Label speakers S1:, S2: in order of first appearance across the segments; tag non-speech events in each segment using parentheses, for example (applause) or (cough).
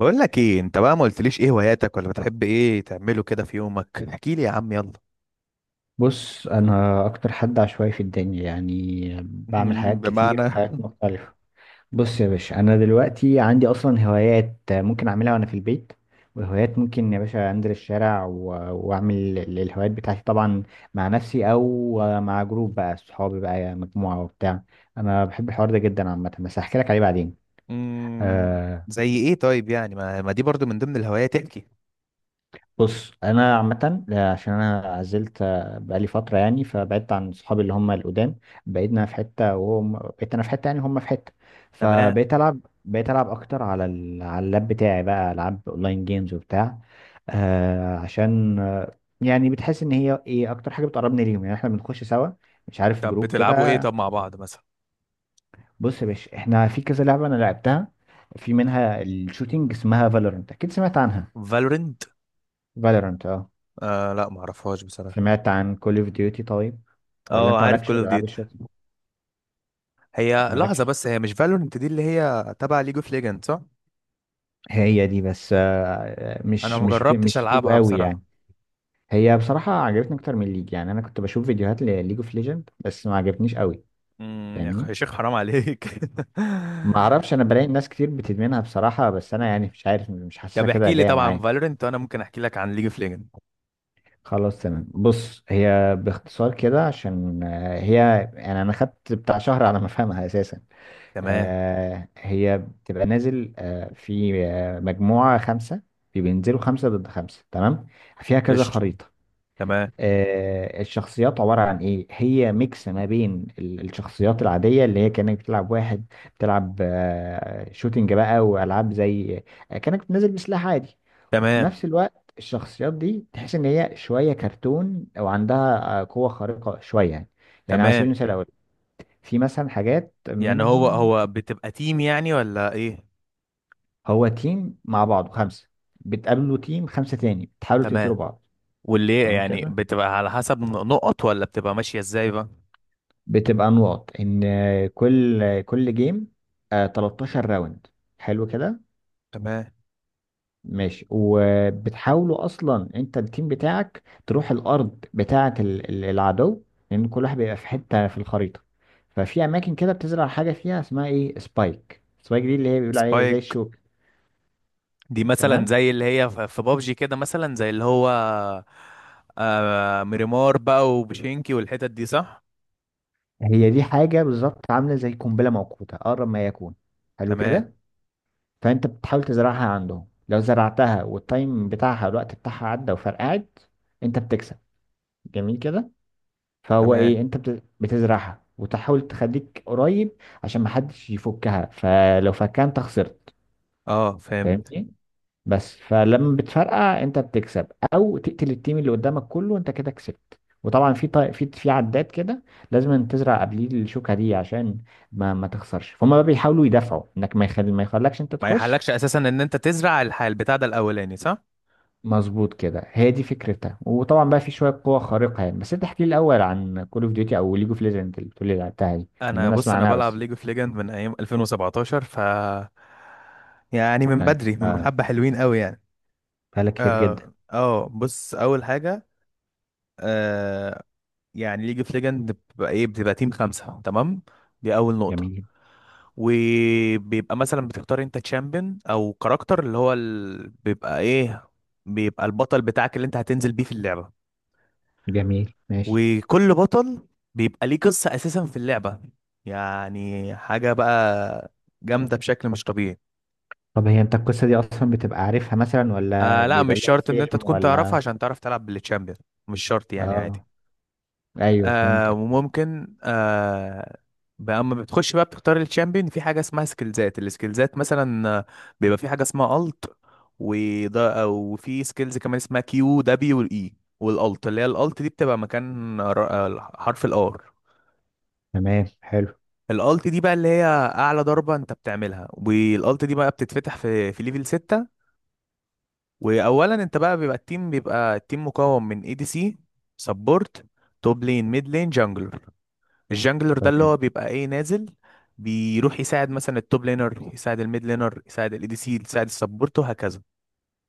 S1: بقول لك ايه؟ انت بقى ما قلتليش ايه هواياتك، ولا بتحب ايه تعمله كده في يومك؟ احكي لي يا عم، يلا.
S2: بص، انا اكتر حد عشوائي في الدنيا يعني بعمل
S1: (laughs)
S2: حاجات كتير
S1: بمعنى؟
S2: وحاجات مختلفة. بص يا باشا، انا دلوقتي عندي اصلا هوايات ممكن اعملها وانا في البيت. وهوايات ممكن يا باشا انزل الشارع واعمل الهوايات بتاعتي طبعا، مع نفسي او مع جروب، بقى صحابي، بقى مجموعة وبتاع. انا بحب الحوار ده جدا عامة، بس هحكي لك عليه بعدين.
S1: مم،
S2: آه.
S1: زي ايه طيب؟ يعني ما دي برضو من ضمن الهوايات، احكي.
S2: بص انا عامه، عشان انا عزلت، بقالي فتره يعني، فبعدت عن صحابي اللي هم القدام. بقينا في حته وهم، بقيت انا في حته يعني هم في حته،
S1: تمام.
S2: فبقيت العب. بقيت العب اكتر على اللاب بتاعي، بقى العاب اونلاين جيمز وبتاع. عشان يعني بتحس ان هي ايه اكتر حاجه بتقربني ليهم، يعني احنا بنخش سوا، مش عارف،
S1: طب
S2: جروب
S1: بتلعبوا ايه
S2: كده.
S1: طب مع بعض مثلا؟
S2: بص يا باشا، احنا في كذا لعبه انا لعبتها. في منها الشوتينج اسمها فالورنت، اكيد سمعت عنها.
S1: فالورنت.
S2: فالورنت.
S1: آه لا، ما اعرفهاش بصراحه.
S2: سمعت عن كول اوف ديوتي طيب؟ ولا
S1: اه
S2: انت
S1: عارف
S2: مالكش في
S1: كول اوف
S2: الالعاب
S1: ديوتي.
S2: الشوتي؟
S1: هي لحظه
S2: مالكش.
S1: بس، هي مش فالورنت دي اللي هي تبع ليج اوف ليجند، صح؟
S2: هي دي، بس
S1: انا
S2: مش
S1: ما
S2: مش
S1: جربتش
S2: مش ليجو
S1: العبها
S2: قوي
S1: بصراحه.
S2: يعني. هي بصراحة عجبتني اكتر من ليج، يعني انا كنت بشوف فيديوهات لليج اوف ليجند بس ما عجبتنيش قوي.
S1: يا اخي يا
S2: فاهمني.
S1: شيخ، حرام عليك. (laughs)
S2: ما اعرفش، انا بلاقي ناس كتير بتدمنها بصراحة، بس انا يعني مش عارف، مش حاسسها
S1: طب
S2: كده
S1: احكي لي
S2: جاية
S1: طبعا
S2: معايا.
S1: فالورنت، وانا ممكن احكي لك عن ليج اوف ليجند.
S2: خلاص تمام. بص هي باختصار كده عشان هي، يعني انا خدت بتاع شهر على ما افهمها اساسا.
S1: تمام.
S2: هي بتبقى نازل في مجموعة خمسة، في بينزلوا خمسة ضد خمسة، تمام. فيها كذا
S1: قشطة.
S2: خريطة.
S1: تمام.
S2: الشخصيات عبارة عن ايه، هي ميكس ما بين الشخصيات العادية اللي هي كأنك بتلعب واحد، بتلعب شوتينج بقى وألعاب زي، كأنك نازل بسلاح عادي. في
S1: تمام.
S2: نفس الوقت الشخصيات دي تحس ان هي شوية كرتون، وعندها قوة خارقة شوية يعني. يعني على سبيل
S1: تمام.
S2: المثال الأول، في مثلا حاجات
S1: يعني هو
S2: منهم.
S1: هو بتبقى تيم يعني ولا ايه؟
S2: هو تيم مع بعض خمسة، بتقابلوا تيم خمسة تاني، بتحاولوا
S1: تمام.
S2: تقتلوا بعض.
S1: واللي
S2: تمام
S1: يعني
S2: كده.
S1: بتبقى على حسب نقط، ولا بتبقى ماشية ازاي بقى؟
S2: بتبقى نقط ان كل جيم، 13 راوند. حلو كده.
S1: تمام.
S2: ماشي، وبتحاولوا اصلا انت التيم بتاعك تروح الارض بتاعة العدو، لان كل واحد بيبقى في حتة في الخريطة. ففي اماكن كده بتزرع حاجة فيها اسمها ايه، سبايك. سبايك دي اللي هي بيقول عليها إيه؟ زي
S1: سبايك
S2: الشوك.
S1: دي مثلا
S2: تمام.
S1: زي اللي هي في بابجي كده، مثلا زي اللي هو آه ميريمار بقى وبشينكي والحتت دي، صح؟
S2: هي دي حاجة بالظبط عاملة زي قنبلة موقوتة أقرب ما يكون. حلو
S1: تمام.
S2: كده. فانت بتحاول تزرعها عندهم، لو زرعتها والتايم بتاعها، الوقت بتاعها عدى وفرقعت، انت بتكسب. جميل كده. فهو
S1: تمام.
S2: ايه، انت بتزرعها وتحاول تخليك قريب، عشان محدش يفكها، فلو فكها انت خسرت.
S1: اه فهمت.
S2: فاهمني. بس فلما بتفرقع انت بتكسب، او تقتل التيم اللي قدامك كله، انت كده كسبت. وطبعا في عداد كده، لازم تزرع قبليه الشوكه دي عشان ما تخسرش. فهم بقى بيحاولوا يدافعوا انك ما يخلكش انت
S1: ما
S2: تخش.
S1: يحلكش اساسا ان انت تزرع البتاع ده الاولاني، صح؟
S2: مظبوط كده. هي دي فكرتها وطبعا بقى في شويه قوه خارقه يعني. بس انت احكي لي الاول عن كول اوف ديوتي او ليج اوف ليجند اللي بتقول لي لعبتها دي، لان
S1: انا
S2: انا
S1: بص،
S2: اسمع
S1: انا
S2: عنها
S1: بلعب
S2: بس.
S1: ليج اوف ليجند من ايام 2017، ف يعني من
S2: ده انت
S1: بدري، من حبة حلوين قوي يعني.
S2: بقالك كتير جدا.
S1: اه اه بص، اول حاجة آه يعني ليج اوف ليجند بتبقى ايه؟ بتبقى تيم 5، تمام؟ دي اول نقطة.
S2: جميل.
S1: وبيبقى مثلا بتختار انت تشامبيون او كاركتر، اللي هو بيبقى ايه، بيبقى البطل بتاعك اللي انت هتنزل بيه في اللعبة.
S2: جميل ماشي.
S1: وكل بطل بيبقى ليه قصة أساسا في اللعبة. يعني حاجة بقى جامدة بشكل مش طبيعي.
S2: طب هي انت القصة دي اصلا بتبقى عارفها مثلا، ولا
S1: آه لا،
S2: بيبقى
S1: مش
S2: ليها
S1: شرط إن أنت
S2: فيلم
S1: تكون تعرفها
S2: ولا؟
S1: عشان تعرف تلعب بالتشامبيون، مش شرط يعني، عادي.
S2: اه، ايوه
S1: آه،
S2: فهمتك.
S1: وممكن آه بقى أما بتخش بقى بتختار التشامبيون، في حاجة اسمها سكيلزات. السكيلزات مثلا بيبقى في حاجة اسمها ألت. وده، وفي سكيلز كمان اسمها كيو دبليو الاي. والالت اللي هي الالت دي بتبقى مكان حرف الار.
S2: تمام، حلو.
S1: الالت دي بقى اللي هي اعلى ضربه انت بتعملها، والالت دي بقى بتتفتح في ليفل 6. واولا انت بقى بيبقى التيم مكون من اي دي سي، سبورت، توب لين، ميد لين، جانجلر. الجانجلر ده اللي
S2: تمام.
S1: هو بيبقى ايه، نازل بيروح يساعد مثلا التوب لينر، يساعد الميد لينر، يساعد الاي دي سي، يساعد السبورت، وهكذا.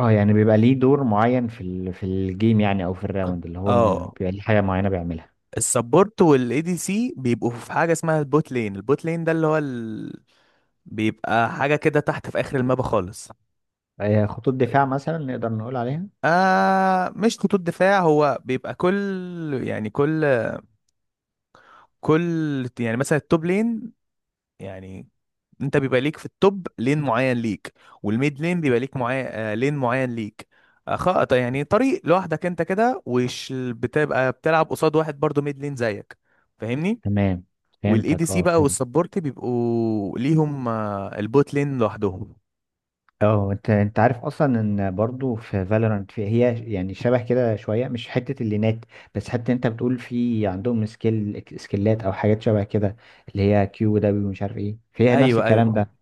S2: اه يعني بيبقى ليه دور معين في الجيم يعني، او في الراوند اللي هو
S1: اه
S2: بيبقى ليه حاجه معينه بيعملها.
S1: السبورت والاي دي سي بيبقوا في حاجه اسمها البوت لين. البوت لين ده اللي هو بيبقى حاجه كده تحت في اخر المابا خالص.
S2: خطوط دفاع مثلا نقدر نقول عليها؟
S1: آه مش خطوط دفاع، هو بيبقى كل، يعني كل، يعني مثلا التوب لين يعني انت بيبقى ليك في التوب لين معين ليك، والميد لين بيبقى ليك معين آه لين معين ليك. آه خط يعني، طريق لوحدك انت كده، وش بتبقى بتلعب قصاد واحد برضو ميد لين زيك، فاهمني؟
S2: تمام.
S1: والاي دي
S2: فهمتك.
S1: سي
S2: اه
S1: بقى
S2: فهمت.
S1: والسبورت بيبقوا ليهم آه البوت لين لوحدهم.
S2: اه، انت عارف اصلا ان برضو في فالورانت في، هي يعني شبه كده شويه، مش حته اللينات. بس حتى انت بتقول في عندهم سكيلات او حاجات شبه كده، اللي هي كيو دبليو مش عارف ايه، فيها نفس
S1: ايوه
S2: الكلام
S1: ايوه.
S2: ده.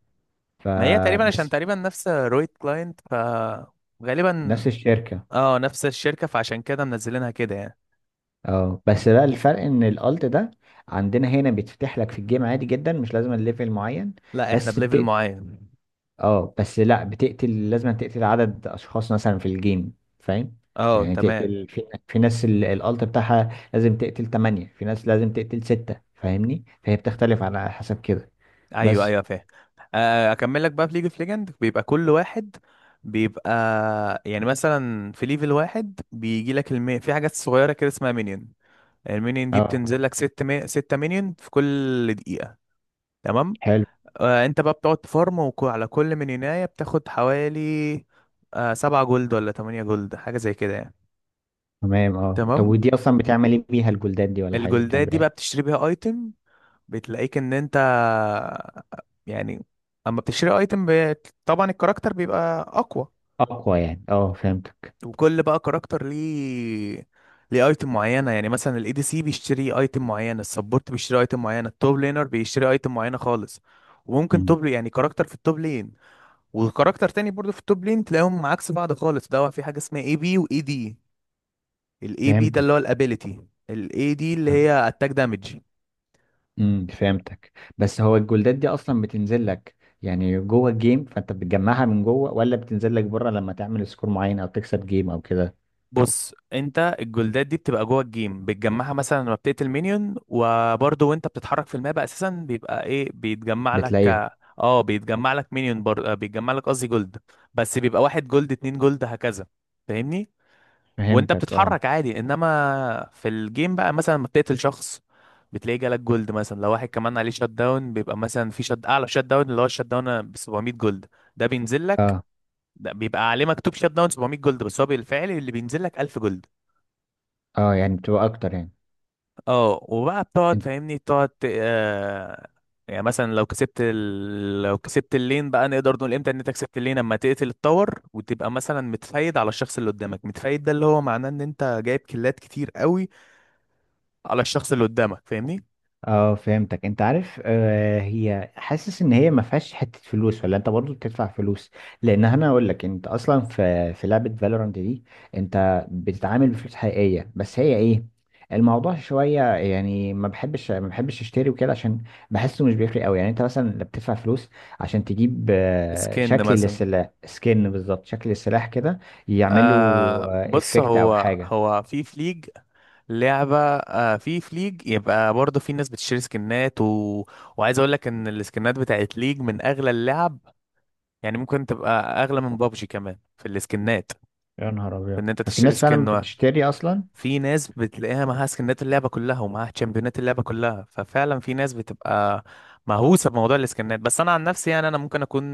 S1: ما هي تقريبا عشان
S2: فبس.
S1: تقريبا نفس رويت كلاينت، ف غالبا.
S2: نفس الشركه.
S1: اه، نفس الشركة، فعشان كده منزلينها كده يعني.
S2: اه بس بقى الفرق ان الالت ده عندنا هنا بيتفتح لك في الجيم عادي جدا، مش لازم الليفل معين.
S1: لا احنا
S2: بس.
S1: بليفل معين.
S2: اه، بس لا بتقتل، لازم تقتل عدد اشخاص مثلا في الجيم، فاهم؟
S1: اه
S2: يعني
S1: تمام.
S2: تقتل في ناس الالت بتاعها لازم تقتل تمانية، في ناس لازم تقتل ستة، فاهمني، فهي بتختلف على حسب كده.
S1: ايوه
S2: بس.
S1: ايوه فاهم. آه، اكمل لك بقى. في ليج اوف ليجند بيبقى كل واحد بيبقى، يعني مثلا في ليفل واحد بيجي لك في حاجات صغيرة كده اسمها مinion. المينيون دي
S2: اه
S1: بتنزل لك 6 مينيون في كل دقيقة. تمام.
S2: حلو.
S1: آه انت بقى بتقعد تفارم، على كل مينيوناية بتاخد حوالي آه 7 جولد ولا 8 جولد، حاجة زي كده يعني.
S2: تمام. اه طب
S1: تمام.
S2: ودي اصلا بتعمل ايه بيها، الجلدات دي ولا الحاجات دي بتعمل
S1: الجولدات دي
S2: بيها
S1: بقى
S2: ايه؟
S1: بتشتري بيها ايتم. بتلاقيك ان انت، يعني، اما بتشتري ايتم طبعا الكاركتر بيبقى اقوى.
S2: اقوى يعني، اه فهمتك.
S1: وكل بقى كاركتر ليه، ليه ايتم معينه، يعني مثلا الاي دي سي بيشتري ايتم معين، السبورت بيشتري ايتم معينه، التوب لينر بيشتري ايتم معينه خالص. وممكن
S2: مم.
S1: توب يعني كاركتر في التوب لين، وكاركتر تاني برضو في التوب لين، تلاقيهم عكس بعض خالص، ده في حاجه اسمها اي بي واي دي. الاي بي ده اللي
S2: فهمتك.
S1: هو الابيليتي، الاي دي اللي
S2: آه.
S1: هي اتاك دامج.
S2: فهمتك. بس هو الجولدات دي اصلا بتنزل لك، يعني جوه الجيم فانت بتجمعها من جوه، ولا بتنزل لك بره لما تعمل سكور معين او تكسب جيم او كده؟
S1: بص انت الجولدات دي بتبقى جوه الجيم، بتجمعها مثلا لما بتقتل مينيون، وبرضه وانت بتتحرك في الماب اساسا بيبقى ايه بيتجمع لك.
S2: بتلاقيهم.
S1: اه بيتجمع لك مينيون بر... آه، بيتجمع لك قصدي جولد. بس بيبقى 1 جولد، 2 جولد، هكذا، فاهمني؟ وانت
S2: فهمتك اه.
S1: بتتحرك عادي، انما في الجيم بقى مثلا لما بتقتل شخص بتلاقيه جالك جولد. مثلا لو واحد كمان عليه شات داون بيبقى مثلا في شات اعلى، شات داون اللي هو الشات داون ب 700 جولد، ده بينزل لك.
S2: اه.
S1: ده بيبقى عليه مكتوب شات داون 700 جولد، بس هو بالفعل اللي بينزل لك 1000 جولد.
S2: اه يعني بتبقى اكتر يعني.
S1: اه وبقى بتقعد فاهمني تقعد يعني مثلا لو كسبت لو كسبت اللين بقى، نقدر نقول امتى ان انت كسبت اللين؟ اما تقتل التور وتبقى مثلا متفايد على الشخص اللي قدامك. متفايد ده اللي هو معناه ان انت جايب كيلات كتير قوي على الشخص اللي قدامك، فاهمني؟
S2: اه فهمتك. انت عارف هي، حاسس ان هي ما فيهاش حته فلوس ولا انت برضو بتدفع فلوس؟ لان انا اقول لك، انت اصلا في لعبه فالورانت دي، انت بتتعامل بفلوس حقيقيه، بس هي ايه، الموضوع شويه يعني، ما بحبش اشتري وكده، عشان بحسه مش بيفرق قوي يعني. انت مثلا لما بتدفع فلوس عشان تجيب
S1: سكن
S2: شكل
S1: مثلا.
S2: للسلاح، سكن بالظبط، شكل السلاح كده،
S1: آه
S2: يعملوا
S1: بص،
S2: افكت او
S1: هو
S2: حاجه.
S1: هو في فليج، لعبة آه في فليج يبقى برضه في ناس بتشتري سكنات وعايز اقول لك ان السكنات بتاعت ليج من اغلى اللعب. يعني ممكن تبقى اغلى من بابجي كمان في السكنات.
S2: يا نهار
S1: في
S2: ابيض.
S1: ان انت
S2: في
S1: تشتري
S2: ناس فعلا
S1: سكن واحد.
S2: بتشتري اصلا.
S1: في ناس بتلاقيها معاها سكنات اللعبه كلها، ومعاها تشامبيونات اللعبه كلها. ففعلا في ناس بتبقى مهووسه بموضوع السكنات، بس انا عن نفسي يعني انا ممكن اكون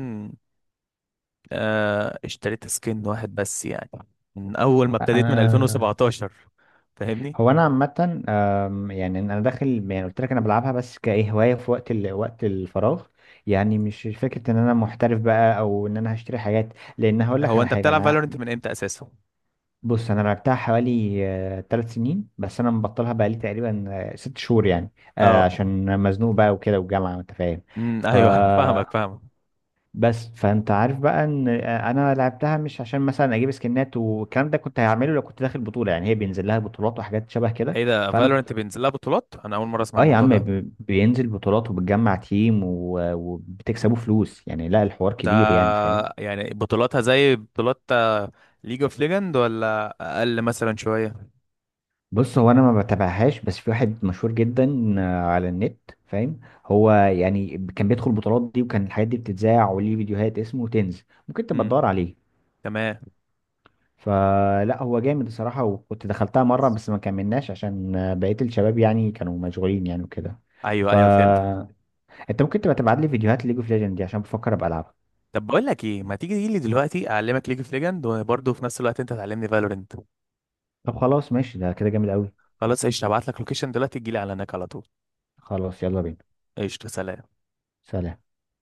S1: آه اشتريت سكن واحد بس يعني، من اول ما ابتديت من
S2: انا
S1: 2017، فاهمني؟
S2: هو انا عامه، يعني انا داخل يعني قلت لك انا بلعبها بس كايه هوايه في وقت الفراغ، يعني مش فكره ان انا محترف بقى او ان انا هشتري حاجات. لان هقول لك
S1: هو
S2: على
S1: انت
S2: حاجه،
S1: بتلعب
S2: انا.
S1: فالورنت من امتى اساسا؟
S2: بص انا لعبتها حوالي 3 سنين، بس انا مبطلها بقى لي تقريبا 6 شهور يعني،
S1: اه
S2: عشان مزنوق بقى وكده والجامعه وانت فاهم. ف
S1: ايوه (laughs) فاهمك فاهمك.
S2: بس فانت عارف بقى ان انا لعبتها مش عشان مثلا اجيب سكنات والكلام ده، كنت هعمله لو كنت داخل بطوله، يعني هي بينزل لها بطولات وحاجات شبه كده.
S1: ايه ده؟
S2: فانا،
S1: فالورنت بينزل لها بطولات؟ انا اول مره اسمع
S2: اه يا
S1: الموضوع
S2: عم
S1: ده.
S2: بينزل بطولات وبتجمع تيم وبتكسبوا فلوس يعني، لا الحوار
S1: ده
S2: كبير يعني، فاهم؟
S1: يعني بطولاتها زي بطولات ليج اوف ليجند، ولا اقل مثلا شويه؟
S2: بص هو انا ما بتابعهاش، بس في واحد مشهور جدا على النت، فاهم؟ هو يعني كان بيدخل البطولات دي وكان الحاجات دي بتتذاع، وليه فيديوهات، اسمه تنز، ممكن تبقى
S1: امم
S2: تدور عليه.
S1: تمام.
S2: فلا، هو جامد الصراحة، وكنت دخلتها مرة بس ما كملناش عشان بقية الشباب يعني كانوا مشغولين يعني وكده.
S1: ايوه ايوه فهمتك.
S2: فانت ممكن تبقى تبعت لي فيديوهات ليج اوف ليجند دي، عشان بفكر ابقى العبها.
S1: طب بقول لك ايه، ما تيجي لي دلوقتي اعلمك ليج اوف ليجند، وبرضه في نفس الوقت انت تعلمني فالورنت.
S2: طب خلاص ماشي، ده كده جامد قوي.
S1: خلاص قشطه، هبعت لك لوكيشن دلوقتي تجي لي على هناك على طول.
S2: خلاص يلا بينا.
S1: قشطه، سلام.
S2: سلام.